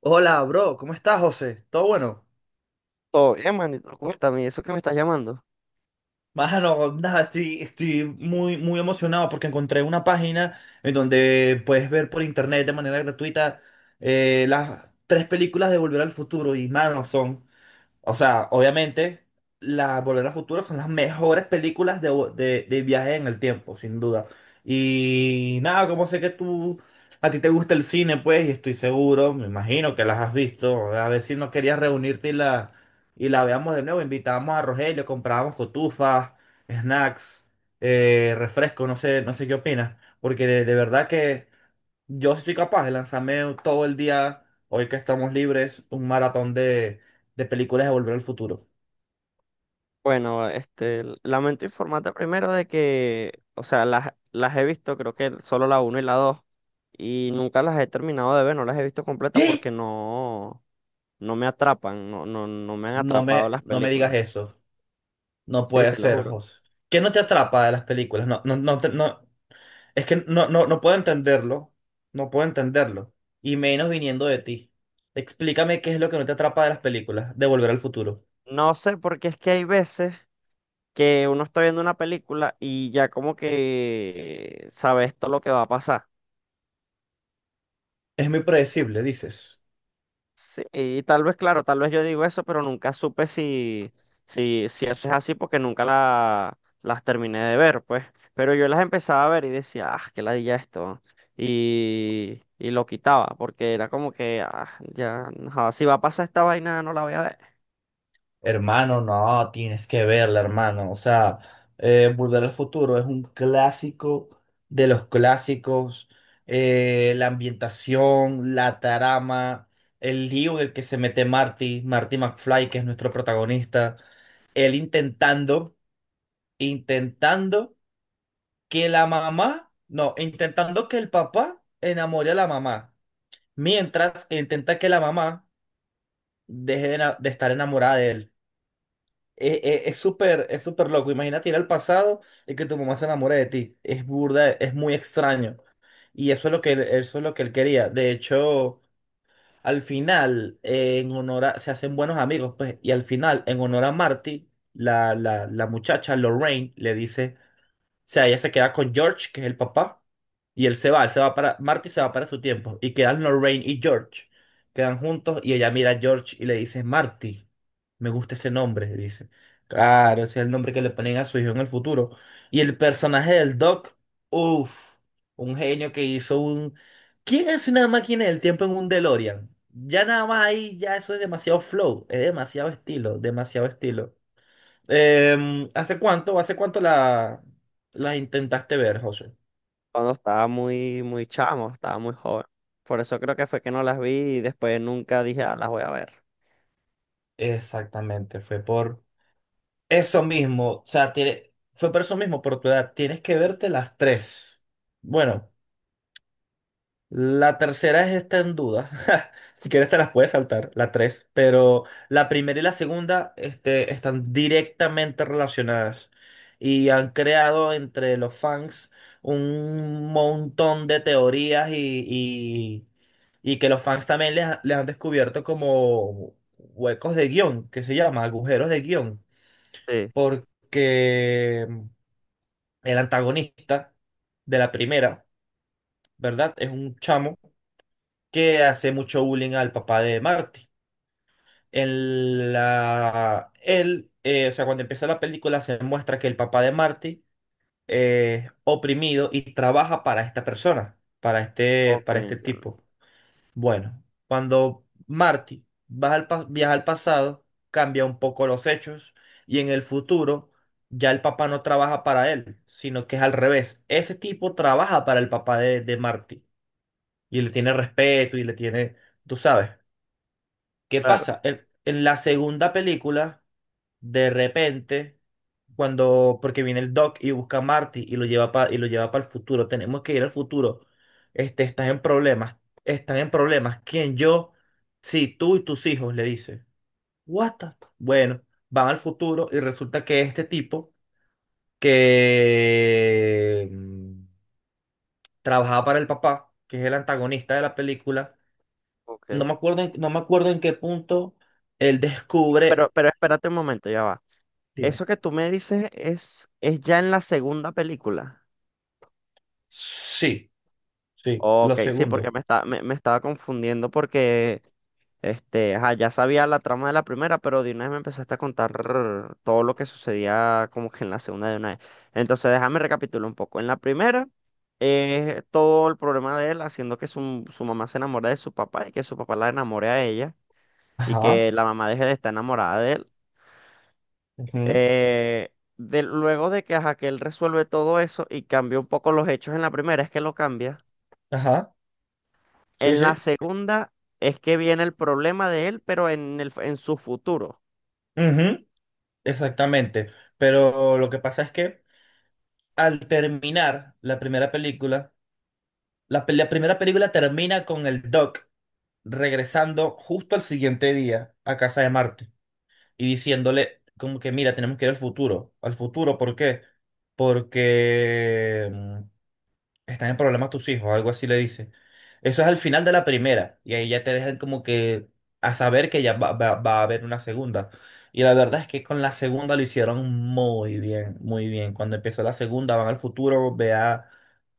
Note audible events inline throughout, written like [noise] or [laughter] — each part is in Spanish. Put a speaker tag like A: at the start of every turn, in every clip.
A: Hola, bro, ¿cómo estás, José? ¿Todo bueno?
B: Todo bien, manito. Cuéntame, ¿eso que me estás llamando?
A: Mano, nada, estoy muy, muy emocionado porque encontré una página en donde puedes ver por internet de manera gratuita las tres películas de Volver al Futuro y, mano, son. O sea, obviamente, las Volver al Futuro son las mejores películas de viaje en el tiempo, sin duda. Y nada, como sé que tú, a ti te gusta el cine, pues, y estoy seguro, me imagino que las has visto. A ver si no querías reunirte y y la veamos de nuevo. Invitábamos a Rogelio, comprábamos cotufas, snacks, refresco, no sé qué opinas. Porque de verdad que yo sí soy capaz de lanzarme todo el día, hoy que estamos libres, un maratón de películas de Volver al Futuro.
B: Bueno, lamento informarte primero de que, o sea, las he visto, creo que solo la uno y la 2 y nunca las he terminado de ver, no las he visto completas
A: ¿Qué?
B: porque no, no me atrapan, no, no, no me han atrapado las
A: No me digas
B: películas.
A: eso. No
B: Sí,
A: puede
B: te lo
A: ser,
B: juro.
A: José. ¿Qué no te atrapa de las películas? No, no, no, no. Es que no, no, no puedo entenderlo. No puedo entenderlo. Y menos viniendo de ti. Explícame qué es lo que no te atrapa de las películas de Volver al Futuro.
B: No sé, porque es que hay veces que uno está viendo una película y ya como que sabe esto lo que va a pasar.
A: Es muy predecible, dices.
B: Sí, y tal vez, claro, tal vez yo digo eso, pero nunca supe si eso es así porque nunca las terminé de ver, pues. Pero yo las empezaba a ver y decía, ah, qué ladilla esto. Y lo quitaba porque era como que, ah, ya, no, si va a pasar esta vaina, no la voy a ver.
A: Hermano, no, tienes que verla, hermano. O sea, Volver al Futuro es un clásico de los clásicos. La ambientación, la trama, el lío en el que se mete Marty, Marty McFly, que es nuestro protagonista. Él intentando que la mamá, no, intentando que el papá enamore a la mamá, mientras intenta que la mamá deje de estar enamorada de él. Es súper loco. Imagínate ir al pasado y que tu mamá se enamore de ti. Es burda, es muy extraño. Y eso es lo que él, eso es lo que él quería. De hecho, al final, en honor se hacen buenos amigos, pues, y al final, en honor a Marty, la muchacha Lorraine le dice sea, ella se queda con George, que es el papá, y él se va para, Marty se va para su tiempo, y quedan Lorraine y George, quedan juntos, y ella mira a George y le dice, Marty, me gusta ese nombre, le dice. Claro, ese es el nombre que le ponen a su hijo en el futuro. Y el personaje del Doc, uff, un genio que hizo un... ¿Quién es una máquina del tiempo en un DeLorean? Ya nada más ahí, ya eso es demasiado flow, es demasiado estilo, demasiado estilo. Hace cuánto la intentaste ver, José?
B: Cuando estaba muy, muy chamo, estaba muy joven. Por eso creo que fue que no las vi y después nunca dije, ah, las voy a ver.
A: Exactamente, fue por eso mismo, o sea, fue por eso mismo, por tu edad. Tienes que verte las tres. Bueno. La tercera es esta en duda. [laughs] Si quieres te las puedes saltar, la tres. Pero la primera y la segunda, este, están directamente relacionadas. Y han creado entre los fans un montón de teorías y que los fans también les han descubierto como huecos de guión, que se llama agujeros de guión.
B: Sí,
A: Porque el antagonista de la primera, ¿verdad? Es un chamo que hace mucho bullying al papá de Marty. En la, él, o sea, cuando empieza la película se muestra que el papá de Marty es oprimido y trabaja para esta persona,
B: ok,
A: para este
B: entiendo.
A: tipo. Bueno, cuando Marty viaja al pasado, cambia un poco los hechos y en el futuro ya el papá no trabaja para él, sino que es al revés. Ese tipo trabaja para el papá de Marty y le tiene respeto y le tiene, tú sabes. ¿Qué
B: Claro,
A: pasa? En la segunda película, de repente, cuando, porque viene el Doc y busca a Marty y lo lleva para y lo lleva para el futuro, tenemos que ir al futuro. Este, estás en problemas, están en problemas. ¿Quién? Yo, sí, tú y tus hijos, le dice. What the- Bueno, van al futuro y resulta que este tipo que trabajaba para el papá, que es el antagonista de la película,
B: ok.
A: no me acuerdo en qué punto él
B: Pero,
A: descubre.
B: pero espérate un momento, ya va.
A: Dime.
B: Eso que tú me dices es ya en la segunda película.
A: Sí, sí, lo
B: Ok, sí, porque
A: segundo.
B: me estaba confundiendo porque ajá, ya sabía la trama de la primera, pero de una vez me empezaste a contar todo lo que sucedía como que en la segunda de una vez. Entonces, déjame recapitular un poco. En la primera, todo el problema de él haciendo que su mamá se enamore de su papá y que su papá la enamore a ella y
A: Ajá.
B: que la mamá deje de estar enamorada de él.
A: Ujú.
B: Eh, luego de que, ajá, que él resuelve todo eso y cambia un poco los hechos en la primera, es que lo cambia.
A: Ajá, sí,
B: En la
A: sí.
B: segunda es que viene el problema de él, pero en su futuro.
A: Ujú. Exactamente. Pero lo que pasa es que al terminar la primera película, la primera película termina con el Doc regresando justo al siguiente día a casa de Marte y diciéndole como que, mira, tenemos que ir al futuro. ¿Al futuro por qué? Porque... Están en problemas tus hijos, algo así le dice. Eso es al final de la primera, y ahí ya te dejan como que a saber que ya va a haber una segunda. Y la verdad es que con la segunda lo hicieron muy bien, muy bien. Cuando empezó la segunda, van al futuro,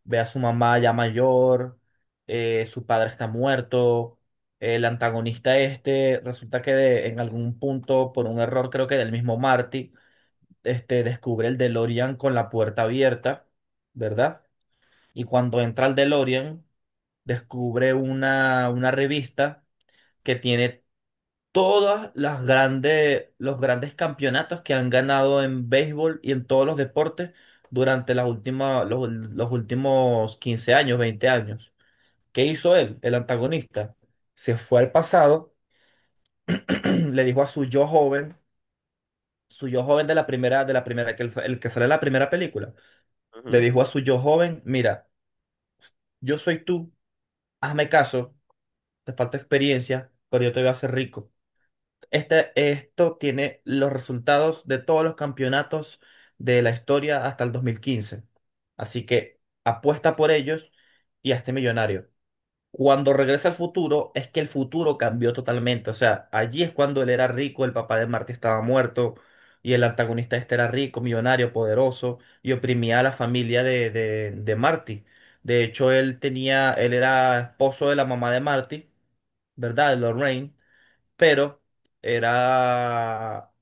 A: ve a su mamá ya mayor, su padre está muerto, el antagonista este, resulta que en algún punto, por un error creo que del mismo Marty, este, descubre el DeLorean con la puerta abierta, ¿verdad? Y cuando entra al DeLorean, descubre una revista que tiene todas las grandes, los grandes campeonatos que han ganado en béisbol y en todos los deportes durante las últimas, los últimos 15 años, 20 años. ¿Qué hizo él, el antagonista? Se fue al pasado, [clears throat] le dijo a su yo joven de la primera, que el que sale en la primera película, le
B: Ujú.
A: dijo a su yo joven, mira, yo soy tú, hazme caso. Te falta experiencia, pero yo te voy a hacer rico. Este, esto tiene los resultados de todos los campeonatos de la historia hasta el 2015. Así que apuesta por ellos y a este millonario. Cuando regresa al futuro, es que el futuro cambió totalmente. O sea, allí es cuando él era rico, el papá de Marty estaba muerto y el antagonista este era rico, millonario, poderoso y oprimía a la familia de Marty. De hecho, él tenía, él era esposo de la mamá de Marty, ¿verdad? De Lorraine, pero era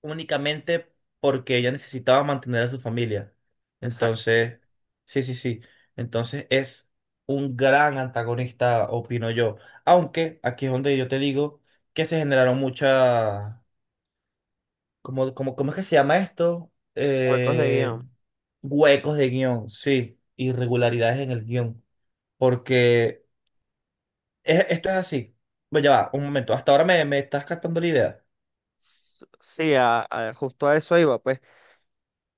A: únicamente porque ella necesitaba mantener a su familia.
B: Exacto.
A: Entonces, sí, sí, sí. Entonces es un gran antagonista, opino yo. Aunque aquí es donde yo te digo que se generaron muchas, ¿cómo es que se llama esto?
B: Huecos de guión.
A: Huecos de guión, sí, irregularidades en el guión. Porque esto es así. Bueno, ya va, un momento. Hasta ahora me estás captando la idea.
B: Sí, justo a eso iba, pues.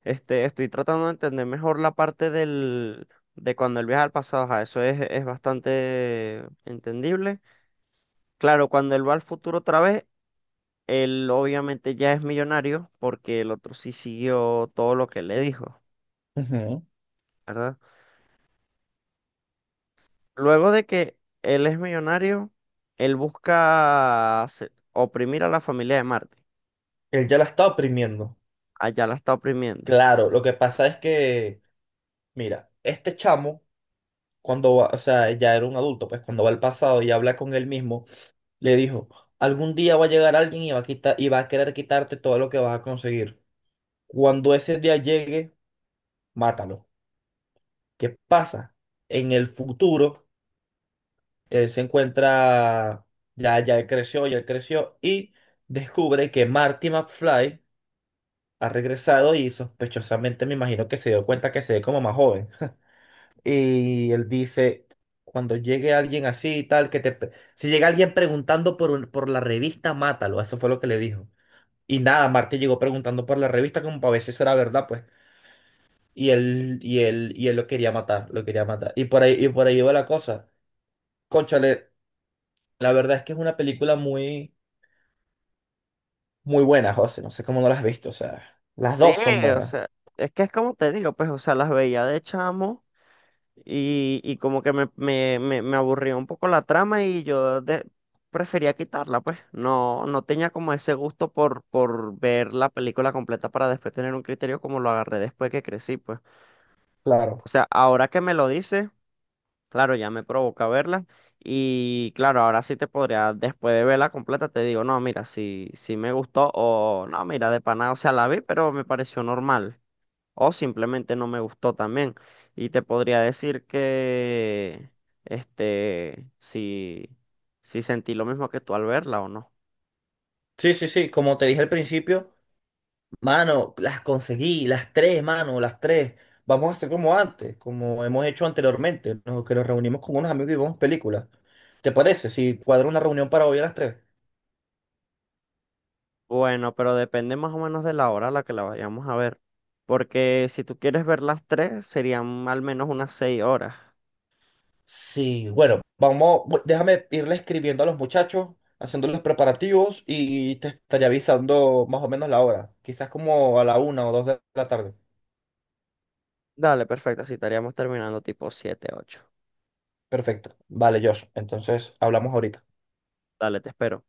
B: Estoy tratando de entender mejor la parte de cuando él viaja al pasado. Ajá, eso es bastante entendible. Claro, cuando él va al futuro otra vez, él obviamente ya es millonario porque el otro sí siguió todo lo que le dijo,
A: Ujú.
B: ¿verdad? Luego de que él es millonario, él busca oprimir a la familia de Marte.
A: Él ya la está oprimiendo.
B: Allá la está oprimiendo.
A: Claro, lo que pasa es que, mira, este chamo, cuando va, o sea, ya era un adulto, pues cuando va al pasado y habla con él mismo, le dijo, algún día va a llegar alguien y va a quitar, y va a querer quitarte todo lo que vas a conseguir. Cuando ese día llegue, mátalo. ¿Qué pasa? En el futuro, él se encuentra, ya, ya él creció y descubre que Marty McFly ha regresado y sospechosamente me imagino que se dio cuenta que se ve como más joven. Y él dice, cuando llegue alguien así y tal, que te... Si llega alguien preguntando por, por la revista, mátalo. Eso fue lo que le dijo. Y nada, Marte llegó preguntando por la revista como para ver si eso era verdad, pues. Y él, y él, y él lo quería matar, lo quería matar. Y por ahí va la cosa. Cónchale, la verdad es que es una película muy, muy buena, José. No sé cómo no la has visto, o sea, las
B: Sí,
A: dos son
B: o
A: buenas,
B: sea, es que es como te digo, pues, o sea, las veía de chamo. Y como que me aburrió un poco la trama y yo prefería quitarla, pues. No, no tenía como ese gusto por ver la película completa para después tener un criterio como lo agarré después que crecí, pues.
A: claro.
B: O sea, ahora que me lo dice, claro, ya me provoca verla. Y claro, ahora sí te podría, después de verla completa, te digo, no, mira, si me gustó o no, mira, de pana, o sea, la vi, pero me pareció normal o simplemente no me gustó también. Y te podría decir que, este, si, si sentí lo mismo que tú al verla o no.
A: Sí, sí, sí, como te dije al principio. Mano, las conseguí, las tres, mano, las tres. Vamos a hacer como antes, como hemos hecho anteriormente, ¿no? Que nos reunimos con unos amigos y vemos películas. ¿Te parece? Si cuadro una reunión para hoy a las tres.
B: Bueno, pero depende más o menos de la hora a la que la vayamos a ver. Porque si tú quieres ver las tres, serían al menos unas 6 horas.
A: Sí, bueno, déjame irle escribiendo a los muchachos, haciendo los preparativos y te estaré avisando más o menos la hora. Quizás como a la una o dos de la tarde.
B: Dale, perfecto, así estaríamos terminando tipo siete, ocho.
A: Perfecto. Vale, Josh. Entonces hablamos ahorita.
B: Dale, te espero.